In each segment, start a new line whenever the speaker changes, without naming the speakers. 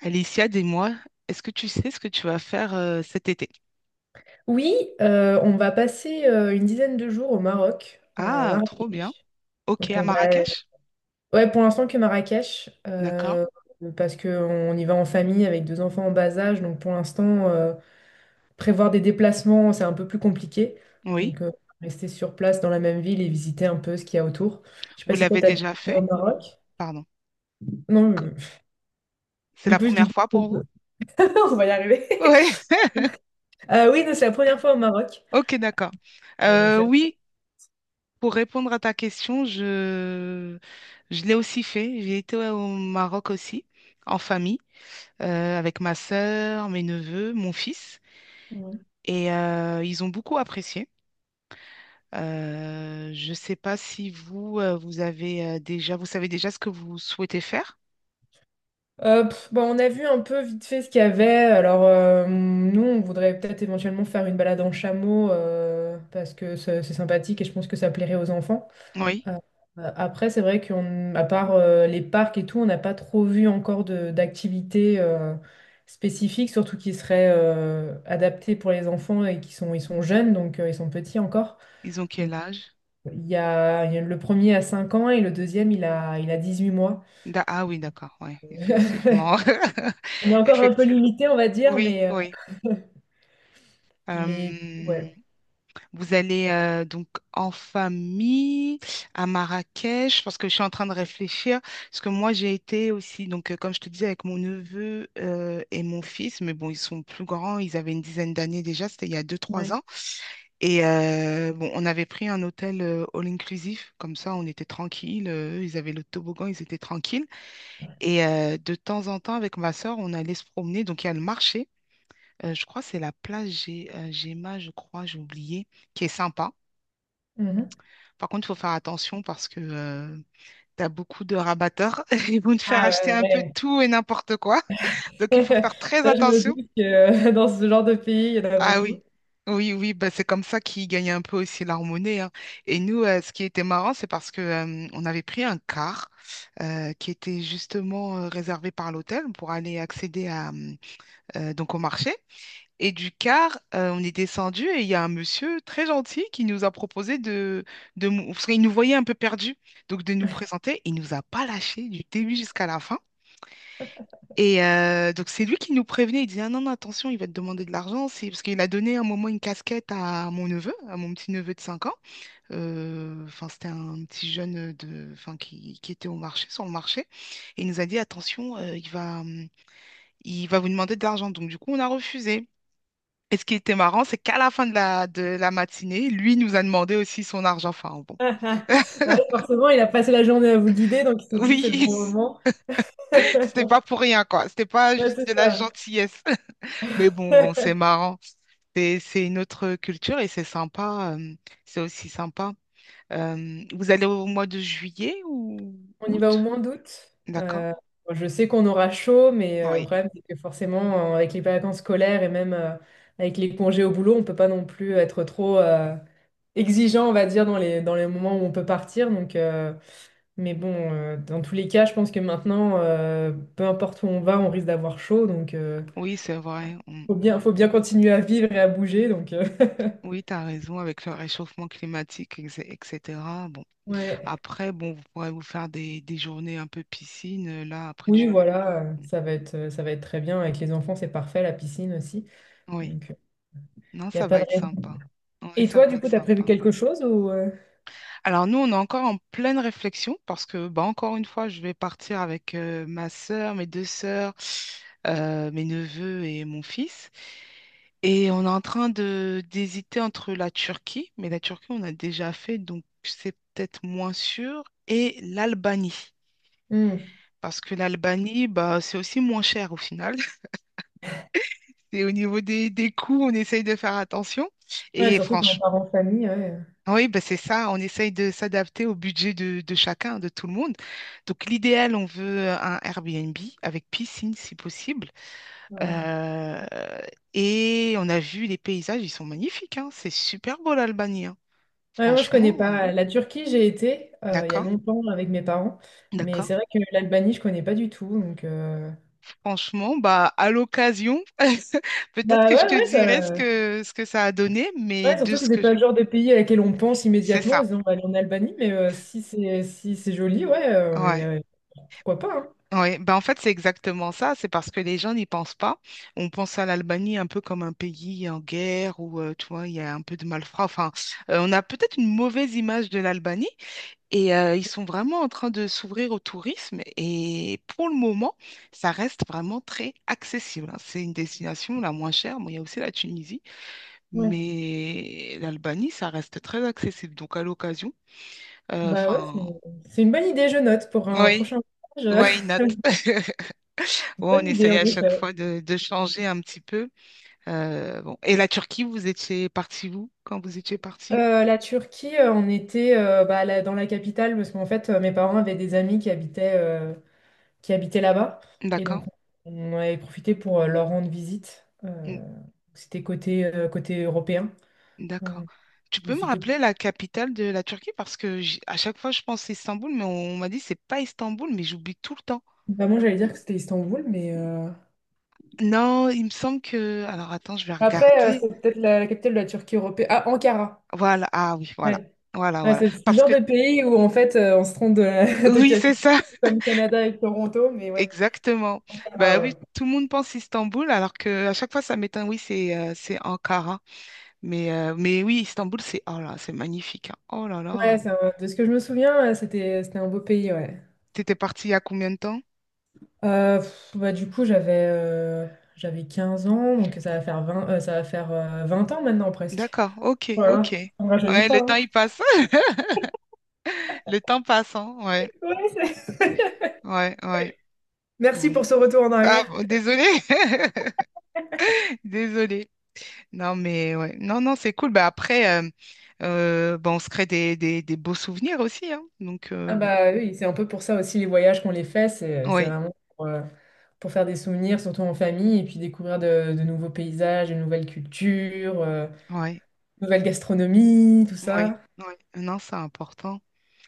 Alicia, dis-moi, est-ce que tu sais ce que tu vas faire cet été?
Oui, on va passer une dizaine de jours au Maroc, à
Ah, trop bien.
Marrakech.
Ok,
Donc
à
on va,
Marrakech?
ouais, pour l'instant que Marrakech,
D'accord.
parce qu'on y va en famille avec deux enfants en bas âge. Donc pour l'instant, prévoir des déplacements, c'est un peu plus compliqué.
Oui.
Donc rester sur place dans la même ville et visiter un peu ce qu'il y a autour. Je sais
Vous
pas si toi
l'avez
t'as déjà
déjà
été
fait?
au Maroc.
Pardon.
Non,
Co- C'est
du
la
coup je disais,
première fois pour vous?
on va y arriver.
Oui.
Oui, non, c'est la première fois au Maroc.
Ok, d'accord.
Euh, donc,
Euh,
c'est-
oui, pour répondre à ta question, je l'ai aussi fait. J'ai été au Maroc aussi, en famille, avec ma sœur, mes neveux, mon fils. Et ils ont beaucoup apprécié. Je ne sais pas si vous avez déjà, vous savez déjà ce que vous souhaitez faire.
Bah, on a vu un peu vite fait ce qu'il y avait. Alors, nous, on voudrait peut-être éventuellement faire une balade en chameau, parce que c'est sympathique et je pense que ça plairait aux enfants.
Oui.
Après, c'est vrai qu'on, à part les parcs et tout, on n'a pas trop vu encore d'activités spécifiques, surtout qui seraient adaptées pour les enfants et ils sont jeunes, donc ils sont petits encore.
Ils ont quel âge?
Il y a le premier à 5 ans et le deuxième, il a 18 mois.
Ah oui, d'accord, ouais, effectivement.
On est encore un peu
Effectivement.
limité, on va dire,
Oui,
mais, euh,
oui.
mais ouais.
Vous allez donc en famille à Marrakech, parce que je suis en train de réfléchir, parce que moi j'ai été aussi, donc comme je te disais, avec mon neveu et mon fils, mais bon, ils sont plus grands, ils avaient une dizaine d'années déjà, c'était il y a deux trois
Ouais.
ans. Et bon, on avait pris un hôtel all-inclusif, comme ça on était tranquille, eux, ils avaient le toboggan, ils étaient tranquilles. Et de temps en temps, avec ma soeur, on allait se promener, donc il y a le marché. Je crois que c'est la place Géma, je crois, j'ai oublié, qui est sympa.
Mhm.
Par contre, il faut faire attention parce que tu as beaucoup de rabatteurs. Ils vont te faire
Ah
acheter un peu de
ouais,
tout et n'importe quoi.
ouais.
Donc, il faut faire très
Ça, je me
attention.
dis que dans ce genre de pays, il y en a
Ah oui,
beaucoup.
oui, oui, bah, c'est comme ça qu'ils gagnent un peu aussi leur monnaie, hein. Et nous, ce qui était marrant, c'est parce que on avait pris un car qui était justement réservé par l'hôtel pour aller accéder à, donc au marché. Et du car, on est descendu et il y a un monsieur très gentil qui nous a proposé parce qu'il nous voyait un peu perdus, donc de nous présenter. Il nous a pas lâchés du début jusqu'à la fin. Et donc c'est lui qui nous prévenait. Il disait: ah non non, attention, il va te demander de l'argent, c'est parce qu'il a donné à un moment une casquette à mon neveu, à mon petit neveu de 5 ans. Enfin c'était un petit jeune de, enfin qui était au marché, sur le marché. Et il nous a dit attention, il va vous demander de l'argent. Donc du coup on a refusé. Et ce qui était marrant, c'est qu'à la fin de la, matinée, lui nous a demandé aussi son argent. Enfin, bon.
Bah oui, forcément, il a passé la journée à vous guider, donc il s'est dit, c'est le
Oui,
bon moment.
c'était pas pour rien, quoi. C'était pas
Ouais,
juste
c'est
de la
ça.
gentillesse. Mais bon, bon, c'est marrant. C'est une autre culture et c'est sympa. C'est aussi sympa. Vous allez au mois de juillet ou
On y va au
août?
mois d'août.
D'accord.
Euh, bon, je sais qu'on aura chaud, mais le
Oui,
problème, c'est que forcément, avec les vacances scolaires et même avec les congés au boulot, on peut pas non plus être trop exigeant, on va dire, dans les moments où on peut partir. Mais bon, dans tous les cas, je pense que maintenant, peu importe où on va, on risque d'avoir chaud.
oui, c'est vrai. Mm.
Faut bien, faut bien continuer à vivre et à bouger. Donc,
Oui, tu as raison avec le réchauffement climatique, etc. Bon,
ouais.
après, bon, vous pourrez vous faire des journées un peu piscine. Là, après,
Oui,
tu...
voilà, ça va être très bien. Avec les enfants, c'est parfait, la piscine aussi.
Oui,
Donc, il
non,
n'y a
ça
pas
va
de
être
raison.
sympa. Oui,
Et
ça
toi,
va
du
être
coup, t'as prévu
sympa.
quelque chose ou
Alors nous, on est encore en pleine réflexion parce que, bah, encore une fois, je vais partir avec ma sœur, mes deux sœurs, mes neveux et mon fils. Et on est en train de d'hésiter entre la Turquie, mais la Turquie, on a déjà fait, donc c'est peut-être moins sûr, et l'Albanie.
hmm.
Parce que l'Albanie, bah, c'est aussi moins cher au final. Et au niveau des, coûts, on essaye de faire attention.
Ouais,
Et
surtout quand on
franchement,
part en famille, ouais.
oui, ben c'est ça, on essaye de s'adapter au budget de chacun, de tout le monde. Donc l'idéal, on veut un Airbnb avec piscine si possible.
Ouais.
Euh, et on a vu les paysages, ils sont magnifiques, hein. C'est super beau l'Albanie, hein.
Ouais, moi, je
Franchement,
connais pas la Turquie, j'ai été il y a
d'accord,
longtemps avec mes parents, mais
d'accord.
c'est vrai que l'Albanie, je connais pas du tout.
Franchement, bah à l'occasion, peut-être
Bah
que je
ouais,
te
ouais,
dirai ce
ça.
que, ce que ça a donné, mais
Ouais,
de
surtout que
ce
c'est
que...
pas le genre de pays à laquelle on pense
C'est
immédiatement en se
ça,
disant on va aller en Albanie, mais si c'est joli, ouais,
ouais.
pourquoi pas, hein.
Oui, ben en fait, c'est exactement ça. C'est parce que les gens n'y pensent pas. On pense à l'Albanie un peu comme un pays en guerre où, tu vois, il y a un peu de malfrats. Enfin, on a peut-être une mauvaise image de l'Albanie et ils sont vraiment en train de s'ouvrir au tourisme. Et pour le moment, ça reste vraiment très accessible, hein. C'est une destination la moins chère. Bon, il y a aussi la Tunisie,
Ouais.
mais l'Albanie, ça reste très accessible. Donc, à l'occasion,
Bah ouais, c'est
enfin,
c'est une bonne idée, je note, pour un
oui,
prochain voyage.
why not? Ouais, on
Bonne idée,
essaye
en
à chaque
effet.
fois de changer un petit peu. Bon. Et la Turquie, vous étiez parti vous quand vous étiez parti?
La Turquie, on était dans la capitale parce qu'en fait, mes parents avaient des amis qui habitaient là-bas. Et
D'accord.
donc, on avait profité pour leur rendre visite.
Mm.
C'était côté, côté européen.
D'accord.
Euh,
Tu peux me
c'était-
rappeler la capitale de la Turquie parce que à chaque fois je pense Istanbul, mais on, m'a dit c'est pas Istanbul, mais j'oublie tout le temps.
Bah, moi, j'allais dire que c'était Istanbul, mais.
Non, il me semble que. Alors attends, je vais
Après,
regarder.
c'est peut-être la capitale de la Turquie européenne. Ah, Ankara.
Voilà. Ah oui, voilà.
Ouais.
Voilà,
Ouais,
voilà.
c'est le
Parce
genre
que
de pays où, en fait, on se trompe de
oui, c'est
capitale,
ça.
comme Canada et Toronto, mais ouais.
Exactement.
Ankara,
Ben oui,
ouais.
tout le monde pense Istanbul alors que à chaque fois ça m'étonne. Oui, c'est Ankara. Mais oui, Istanbul, c'est oh là, c'est magnifique, hein. Oh là
Ouais,
là.
de ce que je me souviens, c'était un beau pays, ouais.
T'étais parti il y a combien de temps?
Bah, du coup, j'avais 15 ans, donc ça va faire 20 ans maintenant, presque.
D'accord, ok, ok.
Voilà, on ne rajeunit
Ouais, le
pas,
temps
hein.
il passe. Le temps passe, hein. Ouais,
Ouais,
ouais, ouais.
merci
Bon.
pour ce retour en
Ah,
arrière.
bon, désolé. Désolé. Non, mais ouais. Non, non, c'est cool. Bah, après, bah, on se crée des, des beaux souvenirs aussi, hein. Donc,
Ah
bon.
bah oui, c'est un peu pour ça aussi les voyages qu'on les fait, c'est
Oui,
vraiment pour faire des souvenirs, surtout en famille, et puis découvrir de nouveaux paysages, de nouvelles cultures,
oui,
nouvelle gastronomie, tout
oui,
ça.
oui. Non, c'est important.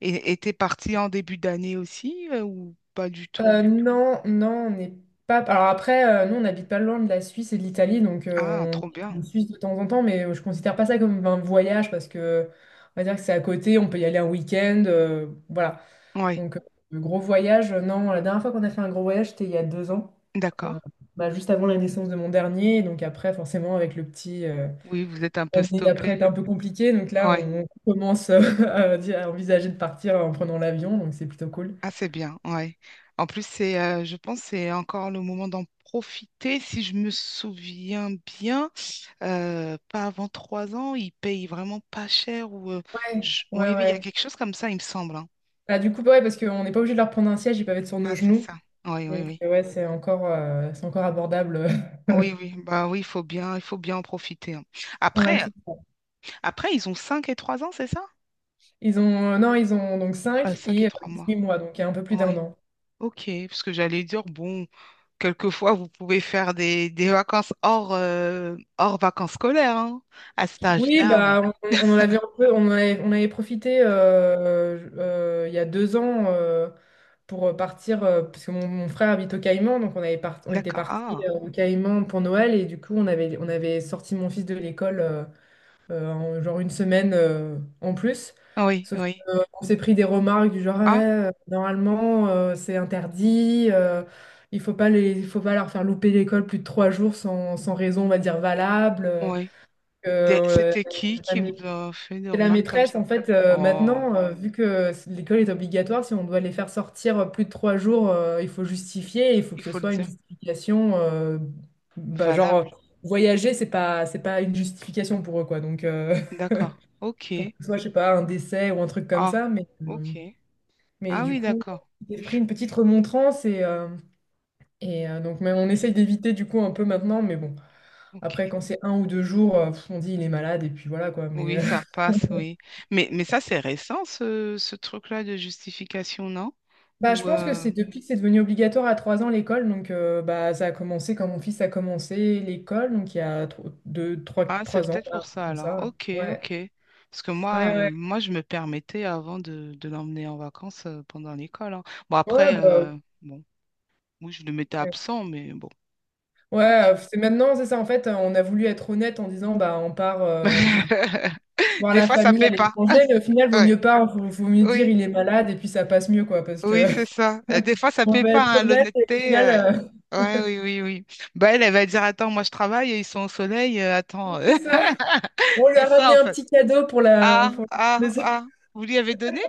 Et t'es parti en début d'année aussi, ou pas du tout?
Non, non, on n'est pas. Alors après, nous, on n'habite pas loin de la Suisse et de l'Italie, donc
Ah,
on
trop
on
bien.
en Suisse de temps en temps, mais je considère pas ça comme un voyage parce que on va dire que c'est à côté, on peut y aller un week-end, voilà.
Ouais.
Donc, euh, le gros voyage, non, la dernière fois qu'on a fait un gros voyage, c'était il y a 2 ans,
D'accord.
euh, bah, juste avant la naissance de mon dernier, donc après, forcément, avec le petit.
Oui, vous êtes un peu
L'année
stoppé.
d'après est un peu compliquée, donc là,
Ouais.
on commence à envisager de partir en prenant l'avion, donc c'est plutôt cool.
Ah, c'est bien. Ouais. En plus, je pense que c'est encore le moment d'en profiter. Si je me souviens bien, pas avant trois ans, ils payent vraiment pas cher ou.
Ouais, ouais,
Oui, oui, il y a
ouais.
quelque chose comme ça, il me semble, hein.
Bah, du coup, ouais, parce qu'on n'est pas obligé de leur prendre un siège, ils peuvent être sur
Ah,
nos
c'est
genoux.
ça. Oui, oui, oui.
Ouais, c'est encore abordable.
Oui, oui. Bah oui, il faut bien en profiter, hein.
Ouais,
Après,
c'est ça.
ils ont 5 et 3 ans, c'est ça?
Ils ont, non, ils ont donc 5
5
et
et 3 mois.
18 mois, donc il y a un peu plus d'un
Oui.
an.
Ok. Parce que j'allais dire, bon. Quelquefois, vous pouvez faire des, vacances hors, hors vacances scolaires, hein, à cet
Oui,
âge-là, bon.
bah, on en avait un peu, on avait profité il y a deux ans, pour partir, parce que mon frère habite au Caïman, donc on était parti
D'accord.
au Caïman pour Noël, et du coup, on avait sorti mon fils de l'école en genre une semaine, en plus.
Ah, oui,
Sauf
oui.
qu'on s'est pris des remarques du genre, ouais,
Ah,
normalement, c'est interdit, il faut pas leur faire louper l'école plus de 3 jours sans raison, on va dire, valable.
oui.
Euh,
C'était
la
qui vous
mait-
a fait des
la
remarques comme
maîtresse, en
ça?
fait,
Oh,
maintenant, vu l'école est obligatoire, si on doit les faire sortir plus de 3 jours, il faut justifier, il faut
il
que ce
faut le
soit une
dire.
justification. Bah, genre,
Valable.
voyager, c'est pas une justification pour eux, quoi. Donc,
D'accord.
faut que
OK.
ce soit, je sais pas, un décès ou un truc comme
Ah,
ça. Mais, euh,
OK.
mais
Ah
du
oui,
coup,
d'accord.
si j'ai pris une petite remontrance mais on essaye d'éviter, du coup, un peu maintenant, mais bon. Après,
OK.
quand c'est 1 ou 2 jours, on dit il est malade et puis voilà quoi.
Oui, ça passe, oui. Mais ça, c'est récent, ce truc-là de justification, non?
Bah, je
Ou...
pense que
euh,
c'est depuis que c'est devenu obligatoire à 3 ans l'école. Bah, ça a commencé quand mon fils a commencé l'école, donc il y a 2, trois,
Ah, c'est
trois ans,
peut-être
voilà, un
pour
truc
ça
comme
alors.
ça.
Ok,
Ouais,
ok. Parce que
ouais,
moi, euh,
ouais.
moi, je me permettais avant de, l'emmener en vacances pendant l'école, hein. Bon,
Ouais,
après,
bah,
bon, oui, je le mettais
ouais.
absent, mais bon,
Ouais,
ok.
c'est maintenant, c'est ça. En fait, on a voulu être honnête en disant, bah, on part voir
Des
la
fois, ça
famille à
paie pas.
l'étranger, mais au final, vaut
Ouais.
mieux pas, vaut mieux dire
Oui,
il est malade et puis ça passe mieux, quoi, parce que
oui, c'est ça. Des fois, ça
on
paie
va être
pas, hein,
honnête et au
l'honnêteté.
final,
Ouais, oui, oui, oui. Bah, elle va dire, attends, moi, je travaille, ils sont au soleil, attends.
c'est ça. On lui
C'est
a
ça,
ramené
en
un
fait.
petit cadeau pour la.
Ah, ah, ah. Vous lui avez donné?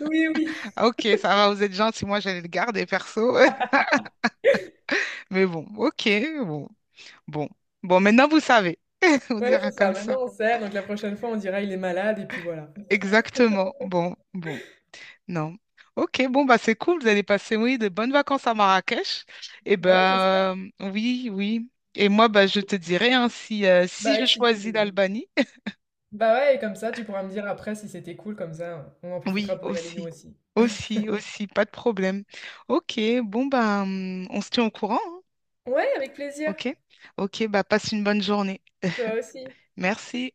Oui, oui.
Ah, Ok, ça va, vous êtes gentil. Moi, j'allais le garder, perso. Mais bon, ok, bon, bon. Bon, maintenant vous savez, on
Ouais,
dira
c'est ça.
comme ça.
Maintenant, on sait. Donc la prochaine fois, on dira il est malade et puis voilà.
Exactement. Bon, bon, non. Ok, bon, bah c'est cool, vous allez passer, oui, de bonnes vacances à Marrakech. Et
Bah ouais, j'espère.
ben, oui, oui. Et moi, bah, je te dirai, hein, si
Bah
je
oui, si
choisis
tu.
l'Albanie,
Bah ouais, et comme ça, tu pourras me dire après si c'était cool comme ça. On en profitera
oui,
pour y aller nous
aussi.
aussi.
Aussi, aussi, pas de problème. Ok, bon, bah, on se tient au courant, hein,
Ouais, avec plaisir.
ok? Ok, bah, passe une bonne journée.
Toi aussi.
Merci.